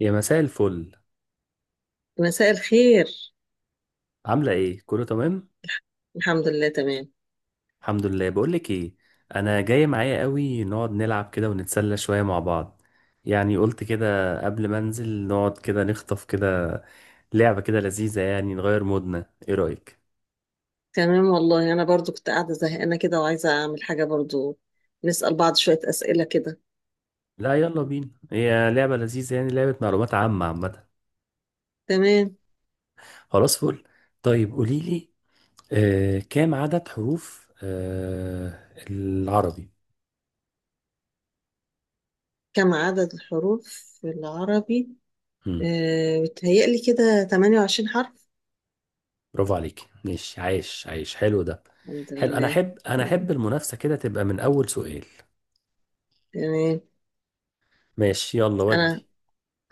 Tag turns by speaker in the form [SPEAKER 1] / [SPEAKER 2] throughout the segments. [SPEAKER 1] يا مساء الفل.
[SPEAKER 2] مساء الخير.
[SPEAKER 1] عاملة ايه؟ كله تمام؟
[SPEAKER 2] الحمد لله تمام.
[SPEAKER 1] الحمد لله. بقولك ايه؟ انا جاي معايا قوي نقعد نلعب كده ونتسلى شوية مع بعض. يعني قلت كده قبل ما انزل نقعد كده نخطف كده لعبة كده لذيذة، يعني نغير مودنا. ايه رأيك؟
[SPEAKER 2] تمام والله، انا برضو كنت قاعده زهقانه كده وعايزه اعمل حاجه برضو. نسأل بعض شويه اسئله كده.
[SPEAKER 1] لا يلا بينا، هي لعبة لذيذة، يعني لعبة معلومات عامة عامة.
[SPEAKER 2] تمام.
[SPEAKER 1] خلاص فل. طيب قوليلي، كام عدد حروف العربي؟
[SPEAKER 2] كم عدد الحروف في العربي؟ بتهيألي كده 28 حرف.
[SPEAKER 1] برافو عليك. مش عايش، عايش حلو ده.
[SPEAKER 2] الحمد
[SPEAKER 1] حلو، انا
[SPEAKER 2] لله.
[SPEAKER 1] احب انا
[SPEAKER 2] مم.
[SPEAKER 1] احب المنافسة كده تبقى من اول سؤال.
[SPEAKER 2] تمام.
[SPEAKER 1] ماشي يلا
[SPEAKER 2] انا
[SPEAKER 1] ودي.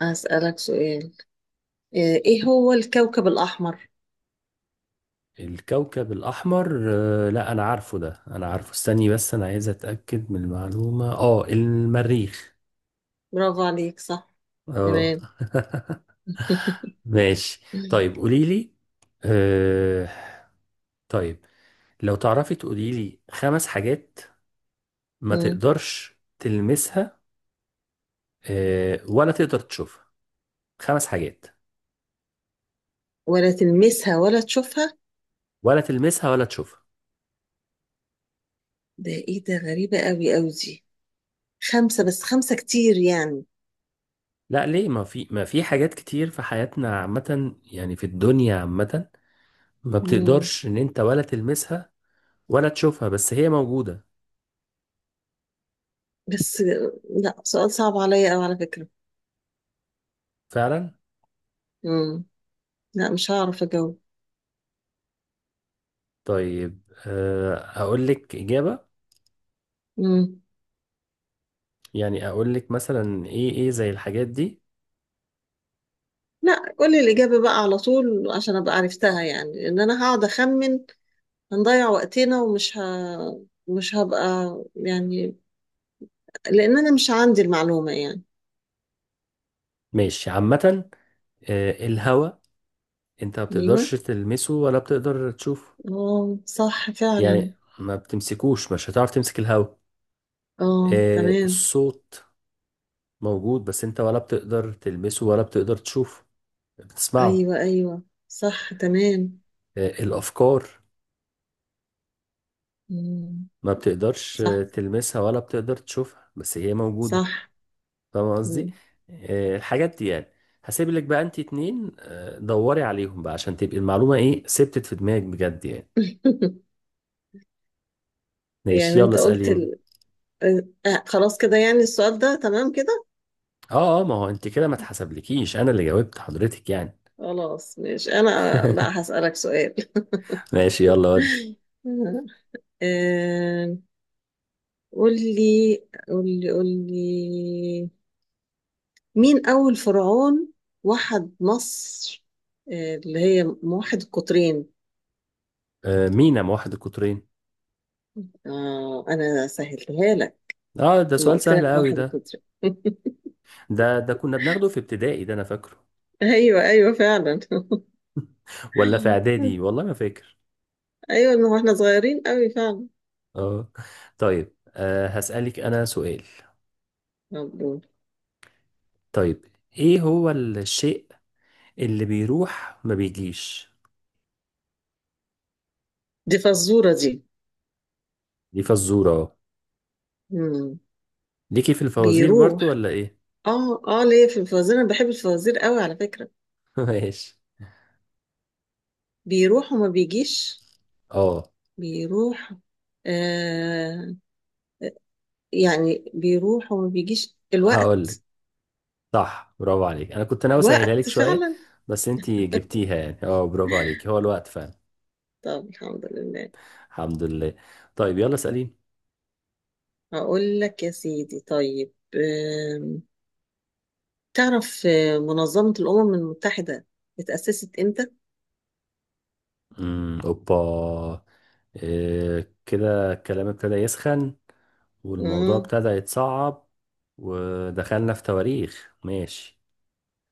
[SPEAKER 2] هسألك سؤال. آه ايه هو الكوكب الاحمر؟
[SPEAKER 1] الكوكب الاحمر. لا انا عارفه ده، انا عارفه، استني بس، انا عايز اتاكد من المعلومة، المريخ.
[SPEAKER 2] برافو عليك، صح.
[SPEAKER 1] اه.
[SPEAKER 2] تمام.
[SPEAKER 1] ماشي. طيب قولي لي، آه طيب لو تعرفي تقولي لي 5 حاجات ما
[SPEAKER 2] مم.
[SPEAKER 1] تقدرش تلمسها ولا تقدر تشوفها. 5 حاجات.
[SPEAKER 2] ولا تلمسها ولا تشوفها؟
[SPEAKER 1] ولا تلمسها ولا تشوفها.
[SPEAKER 2] ده ايه ده، غريبه قوي قوي دي. خمسة؟ بس خمسة كتير يعني.
[SPEAKER 1] لا ليه، ما في حاجات كتير في حياتنا عامة، يعني في الدنيا عامة، ما
[SPEAKER 2] مم.
[SPEAKER 1] بتقدرش ان انت ولا تلمسها ولا تشوفها بس هي موجودة.
[SPEAKER 2] بس لا، سؤال صعب عليا أوي على فكرة.
[SPEAKER 1] فعلا.
[SPEAKER 2] مم. لا، مش هعرف أجاوب.
[SPEAKER 1] طيب، اقول لك اجابة.
[SPEAKER 2] مم.
[SPEAKER 1] يعني اقول لك مثلا ايه زي الحاجات دي.
[SPEAKER 2] لا، قولي الإجابة بقى على طول، عشان أبقى عرفتها، يعني إن أنا هقعد أخمن هنضيع وقتنا، ومش ه... مش هبقى يعني، لأن أنا مش عندي المعلومة يعني.
[SPEAKER 1] ماشي عامة. الهواء. انت ما بتقدرش
[SPEAKER 2] أيوه،
[SPEAKER 1] تلمسه ولا بتقدر تشوفه.
[SPEAKER 2] أه صح فعلا.
[SPEAKER 1] يعني ما بتمسكوش، مش هتعرف تمسك الهواء.
[SPEAKER 2] أه تمام.
[SPEAKER 1] الصوت. موجود بس انت ولا بتقدر تلمسه ولا بتقدر تشوفه، بتسمعه.
[SPEAKER 2] أيوه أيوه، صح تمام.
[SPEAKER 1] الأفكار.
[SPEAKER 2] مم.
[SPEAKER 1] ما بتقدرش
[SPEAKER 2] صح
[SPEAKER 1] تلمسها ولا بتقدر تشوفها، بس هي موجودة.
[SPEAKER 2] صح.
[SPEAKER 1] فاهم قصدي؟
[SPEAKER 2] مم.
[SPEAKER 1] الحاجات دي يعني. هسيب لك بقى انت 2، دوري عليهم بقى عشان تبقي المعلومة ثبتت في دماغك بجد يعني. ماشي
[SPEAKER 2] يعني
[SPEAKER 1] يلا
[SPEAKER 2] انت قلت
[SPEAKER 1] اسألين.
[SPEAKER 2] ال... آه، آه، خلاص كده، يعني السؤال ده تمام كده.
[SPEAKER 1] اه ما هو انت كده ما اتحسبلكيش انا اللي جاوبت حضرتك يعني.
[SPEAKER 2] خلاص مش انا، بقى هسألك سؤال.
[SPEAKER 1] ماشي يلا ودي.
[SPEAKER 2] آه، قول لي قول لي، مين اول فرعون وحد مصر، اللي هي موحد القطرين؟
[SPEAKER 1] مينا موحد القطرين.
[SPEAKER 2] انا سهلتها لك
[SPEAKER 1] اه ده
[SPEAKER 2] لما
[SPEAKER 1] سؤال
[SPEAKER 2] قلت
[SPEAKER 1] سهل
[SPEAKER 2] لك
[SPEAKER 1] قوي
[SPEAKER 2] موحد
[SPEAKER 1] ده.
[SPEAKER 2] القطرين.
[SPEAKER 1] ده كنا بناخده في ابتدائي، ده انا فاكره،
[SPEAKER 2] ايوه ايوه فعلا.
[SPEAKER 1] ولا في اعدادي، والله ما فاكر.
[SPEAKER 2] ايوه، ما هو احنا صغيرين قوي فعلا.
[SPEAKER 1] اه. طيب، هسألك أنا سؤال.
[SPEAKER 2] مبروك.
[SPEAKER 1] طيب، إيه هو الشيء اللي بيروح ما بيجيش؟
[SPEAKER 2] دي فزورة دي.
[SPEAKER 1] دي فزورة اه.
[SPEAKER 2] مم.
[SPEAKER 1] ليكي في الفوازير برضو
[SPEAKER 2] بيروح؟
[SPEAKER 1] ولا إيه؟
[SPEAKER 2] اه اه، ليه في الفوازير، انا بحب الفوازير قوي على فكرة.
[SPEAKER 1] ماشي.
[SPEAKER 2] بيروح وما بيجيش،
[SPEAKER 1] اه،
[SPEAKER 2] بيروح، آه يعني بيروح وما بيجيش
[SPEAKER 1] هقولك
[SPEAKER 2] الوقت.
[SPEAKER 1] صح، برافو عليك. أنا كنت ناوي أسهلها لك
[SPEAKER 2] الوقت
[SPEAKER 1] شوية،
[SPEAKER 2] فعلا.
[SPEAKER 1] بس أنتي جبتيها يعني، اه برافو عليك. هو الوقت فعلا.
[SPEAKER 2] طب الحمد لله.
[SPEAKER 1] الحمد لله. طيب يلا اسأليني.
[SPEAKER 2] هقول لك يا سيدي، طيب. تعرف منظمة الأمم المتحدة اتأسست امتى؟
[SPEAKER 1] امم، اوبا، إيه كده، الكلام ابتدى يسخن والموضوع
[SPEAKER 2] مم.
[SPEAKER 1] ابتدى يتصعب، ودخلنا في تواريخ. ماشي.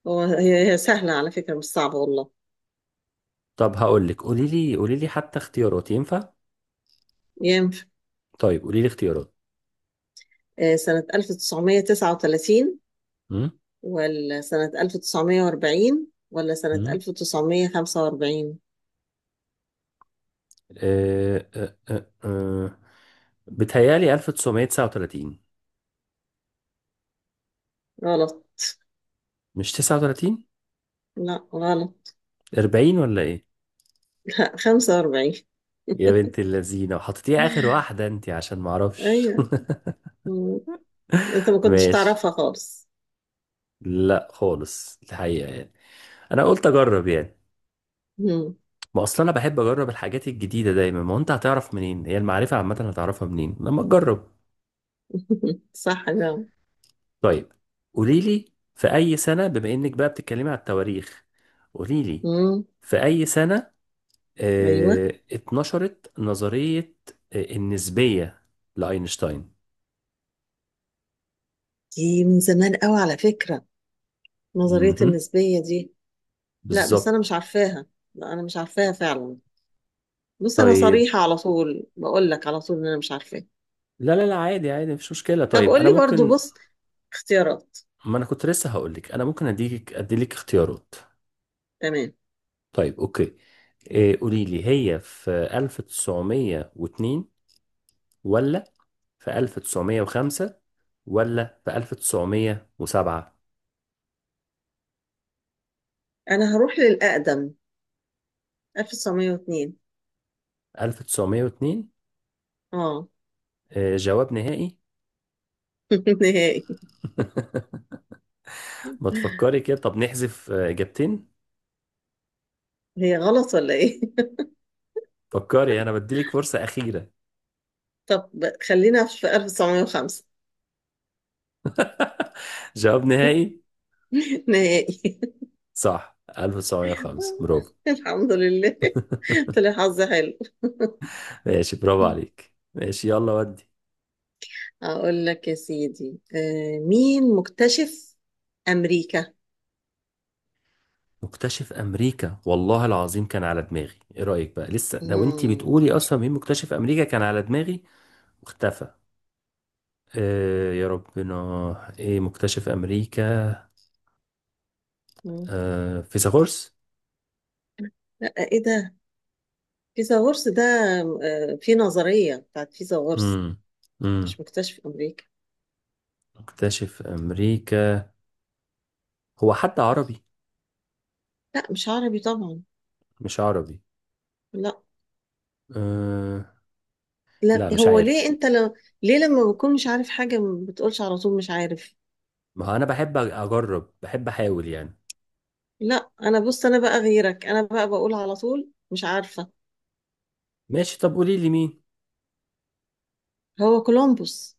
[SPEAKER 2] هو هي سهلة على فكرة، مش صعبة والله.
[SPEAKER 1] طب هقول لك، قولي لي قولي لي حتى اختيارات ينفع؟
[SPEAKER 2] ينفع.
[SPEAKER 1] طيب قولي لي اختيارات.
[SPEAKER 2] سنة 1939
[SPEAKER 1] امم
[SPEAKER 2] ولا سنة 1940 ولا سنة
[SPEAKER 1] امم
[SPEAKER 2] 1945؟
[SPEAKER 1] أه أه أه أه. بتهيالي 1939.
[SPEAKER 2] غلط.
[SPEAKER 1] مش 39؟
[SPEAKER 2] لا غلط.
[SPEAKER 1] 40 ولا ايه؟
[SPEAKER 2] 45.
[SPEAKER 1] يا بنت اللذينه، وحطيتيها اخر واحده انت عشان ما اعرفش.
[SPEAKER 2] ايوه. مم. انت ما كنتش
[SPEAKER 1] ماشي.
[SPEAKER 2] تعرفها خالص.
[SPEAKER 1] لا خالص الحقيقه يعني، انا قلت اجرب يعني.
[SPEAKER 2] مم.
[SPEAKER 1] ما اصل انا بحب اجرب الحاجات الجديده دايما. ما هو انت هتعرف منين؟ هي المعرفه عامه هتعرفها منين لما تجرب؟
[SPEAKER 2] صح جدا.
[SPEAKER 1] طيب قولي لي، في اي سنه، بما انك بقى بتتكلمي على التواريخ، قولي لي
[SPEAKER 2] مم.
[SPEAKER 1] في اي سنه
[SPEAKER 2] ايوه.
[SPEAKER 1] اتنشرت نظريه النسبيه لاينشتاين؟
[SPEAKER 2] دي من زمان قوي على فكرة، نظرية
[SPEAKER 1] مهم.
[SPEAKER 2] النسبية دي. لا بس انا مش
[SPEAKER 1] بالظبط.
[SPEAKER 2] عارفاها. لا انا مش عارفاها فعلا. بص، انا
[SPEAKER 1] طيب.
[SPEAKER 2] صريحة على طول، بقول لك على طول ان انا مش عارفاها.
[SPEAKER 1] لا لا لا، عادي عادي، مفيش مشكله.
[SPEAKER 2] طب
[SPEAKER 1] طيب
[SPEAKER 2] قول
[SPEAKER 1] انا
[SPEAKER 2] لي برضو،
[SPEAKER 1] ممكن،
[SPEAKER 2] بص، اختيارات.
[SPEAKER 1] ما انا كنت لسه هقول لك انا ممكن اديلك اختيارات.
[SPEAKER 2] تمام.
[SPEAKER 1] طيب اوكي. إيه، قولي لي هي في 1902 ولا في 1905 ولا في 1907؟
[SPEAKER 2] انا هروح للأقدم، 1902.
[SPEAKER 1] 1902؟
[SPEAKER 2] اه.
[SPEAKER 1] جواب نهائي؟
[SPEAKER 2] نهائي.
[SPEAKER 1] ما تفكري كده، طب نحذف إجابتين.
[SPEAKER 2] هي غلط ولا ايه؟
[SPEAKER 1] فكري، أنا بديلك فرصة أخيرة.
[SPEAKER 2] طب خلينا في 1905.
[SPEAKER 1] جواب نهائي؟
[SPEAKER 2] نهائي.
[SPEAKER 1] صح، 1905 برافو.
[SPEAKER 2] الحمد لله. طلع حظ حلو.
[SPEAKER 1] ماشي، برافو عليك. ماشي يلا ودي.
[SPEAKER 2] اقول لك يا سيدي، مين مكتشف امريكا؟
[SPEAKER 1] مكتشف امريكا، والله العظيم كان على دماغي. ايه رايك بقى لسه، لو انت
[SPEAKER 2] مم.
[SPEAKER 1] بتقولي اصلا مين مكتشف امريكا، كان على دماغي، اختفى. آه يا ربنا. ايه مكتشف امريكا؟
[SPEAKER 2] مم.
[SPEAKER 1] آه، فيثاغورس.
[SPEAKER 2] لا ايه ده، فيثاغورس ده، في نظرية بتاعت فيثاغورس.
[SPEAKER 1] امم امم
[SPEAKER 2] مش مكتشف امريكا.
[SPEAKER 1] مكتشف امريكا، هو حتى عربي؟
[SPEAKER 2] لا مش عربي طبعا.
[SPEAKER 1] مش عربي؟
[SPEAKER 2] لا.
[SPEAKER 1] آه. لا مش
[SPEAKER 2] هو ليه،
[SPEAKER 1] عارف.
[SPEAKER 2] انت لو، ليه لما بكون مش عارف حاجة ما بتقولش على طول مش عارف؟
[SPEAKER 1] ما هو انا بحب اجرب، بحب احاول يعني.
[SPEAKER 2] لا انا، بص، انا بقى غيرك، انا بقى بقول على طول مش عارفة.
[SPEAKER 1] ماشي، طب قولي لي مين.
[SPEAKER 2] هو كولومبوس،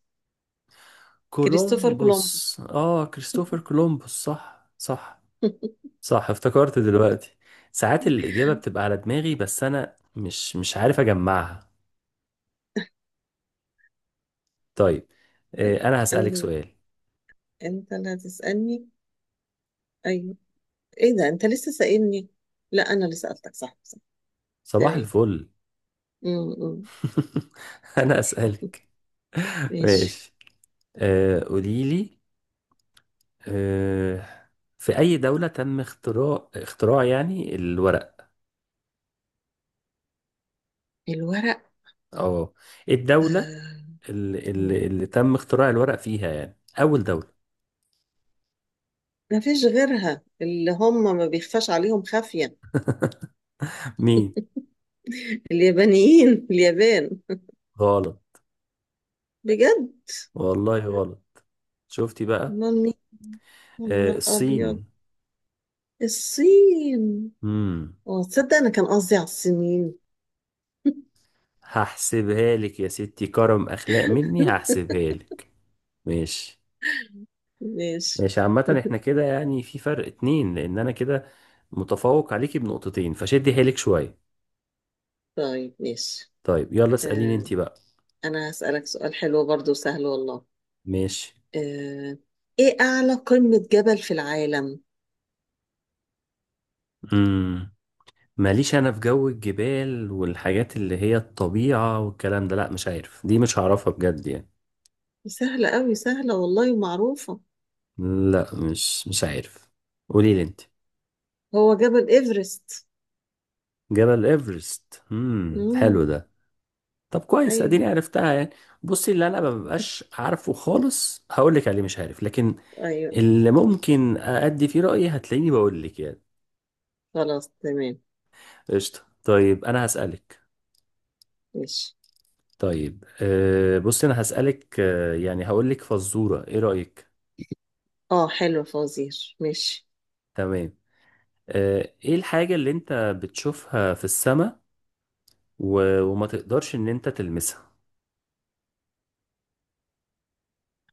[SPEAKER 2] كريستوفر
[SPEAKER 1] كولومبوس،
[SPEAKER 2] كولومبوس.
[SPEAKER 1] اه كريستوفر كولومبوس. صح صح. صح، افتكرت دلوقتي. ساعات الاجابة بتبقى على دماغي بس انا مش عارف اجمعها. طيب،
[SPEAKER 2] طيب،
[SPEAKER 1] انا هسألك
[SPEAKER 2] انا،
[SPEAKER 1] سؤال.
[SPEAKER 2] انت اللي هتسألني؟ ايوه. ايه ده انت لسه سائلني؟ لا انا اللي سألتك، صح صح.
[SPEAKER 1] صباح
[SPEAKER 2] تمام.
[SPEAKER 1] الفل.
[SPEAKER 2] م-
[SPEAKER 1] انا
[SPEAKER 2] م.
[SPEAKER 1] اسالك.
[SPEAKER 2] ماشي.
[SPEAKER 1] ماشي. قولي لي، آه في اي دوله تم اختراع يعني الورق؟
[SPEAKER 2] الورق.
[SPEAKER 1] اه، إيه الدوله
[SPEAKER 2] آه.
[SPEAKER 1] اللي,
[SPEAKER 2] م.
[SPEAKER 1] اللي, اللي تم اختراع الورق فيها يعني، اول دوله؟
[SPEAKER 2] ما فيش غيرها، اللي هم ما بيخفاش عليهم خافية.
[SPEAKER 1] مين؟
[SPEAKER 2] اليابانيين، اليابان.
[SPEAKER 1] غلط.
[SPEAKER 2] بجد؟
[SPEAKER 1] والله غلط. شفتي بقى.
[SPEAKER 2] مامي، يا نهار
[SPEAKER 1] آه،
[SPEAKER 2] أبيض.
[SPEAKER 1] الصين.
[SPEAKER 2] الصين.
[SPEAKER 1] امم.
[SPEAKER 2] اه، تصدق أنا كان قصدي على الصينيين.
[SPEAKER 1] هحسبها لك يا ستي، كرم اخلاق مني هحسبها لك. ماشي.
[SPEAKER 2] ماشي.
[SPEAKER 1] ماشي عامة، احنا كده يعني في فرق اتنين، لان انا كده متفوق عليكي بنقطتين، فشدي حيلك شوية.
[SPEAKER 2] طيب ماشي.
[SPEAKER 1] طيب يلا اسأليني
[SPEAKER 2] آه
[SPEAKER 1] انتي بقى.
[SPEAKER 2] أنا هسألك سؤال حلو برضو، سهل والله.
[SPEAKER 1] ماشي.
[SPEAKER 2] آه إيه أعلى قمة جبل في العالم؟
[SPEAKER 1] امم. ماليش انا في جو الجبال والحاجات اللي هي الطبيعة والكلام ده، لا مش عارف، دي مش هعرفها بجد يعني.
[SPEAKER 2] سهلة أوي، سهلة والله ومعروفة.
[SPEAKER 1] لا مش عارف. قولي لي انتي.
[SPEAKER 2] هو جبل إيفرست.
[SPEAKER 1] جبل ايفرست. امم، حلو
[SPEAKER 2] مم.
[SPEAKER 1] ده. طب كويس،
[SPEAKER 2] أيوه
[SPEAKER 1] اديني عرفتها يعني. بصي، اللي انا ما ببقاش عارفه خالص هقول لك عليه مش عارف، لكن
[SPEAKER 2] أيوه.
[SPEAKER 1] اللي ممكن أدي فيه رأيي هتلاقيني بقول لك يعني.
[SPEAKER 2] خلاص تمام.
[SPEAKER 1] قشطة طيب أنا هسألك.
[SPEAKER 2] ماشي.
[SPEAKER 1] طيب، بص أنا هسألك، يعني هقول لك فزورة، إيه رأيك؟
[SPEAKER 2] اه حلو، فوزير، ماشي.
[SPEAKER 1] تمام. إيه الحاجة اللي أنت بتشوفها في السماء و... وما تقدرش إن أنت تلمسها؟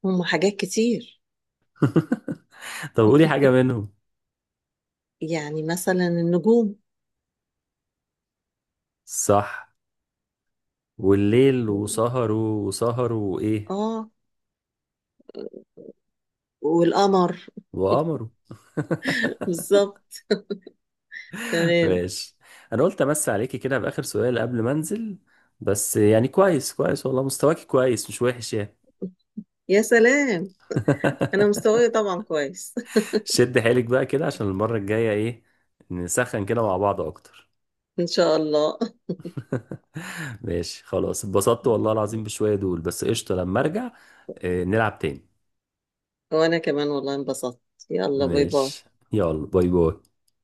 [SPEAKER 2] هما حاجات كتير.
[SPEAKER 1] طب قولي حاجة منهم.
[SPEAKER 2] يعني مثلا النجوم.
[SPEAKER 1] صح. والليل، وسهروا وسهروا وإيه؟
[SPEAKER 2] اه، والقمر.
[SPEAKER 1] وقمروا.
[SPEAKER 2] بالظبط. تمام.
[SPEAKER 1] ماشي. انا قلت امس عليكي كده باخر سؤال قبل ما انزل، بس يعني كويس كويس والله، مستواكي كويس مش وحش يعني.
[SPEAKER 2] يا سلام. انا مستواي طبعا كويس.
[SPEAKER 1] شد حيلك بقى كده عشان المرة الجاية ايه، نسخن كده مع بعض اكتر.
[SPEAKER 2] ان شاء الله.
[SPEAKER 1] ماشي خلاص، اتبسطت والله العظيم بشوية دول بس. قشطة لما ارجع نلعب تاني.
[SPEAKER 2] وانا كمان والله انبسطت. يلا باي باي.
[SPEAKER 1] ماشي يلا باي باي.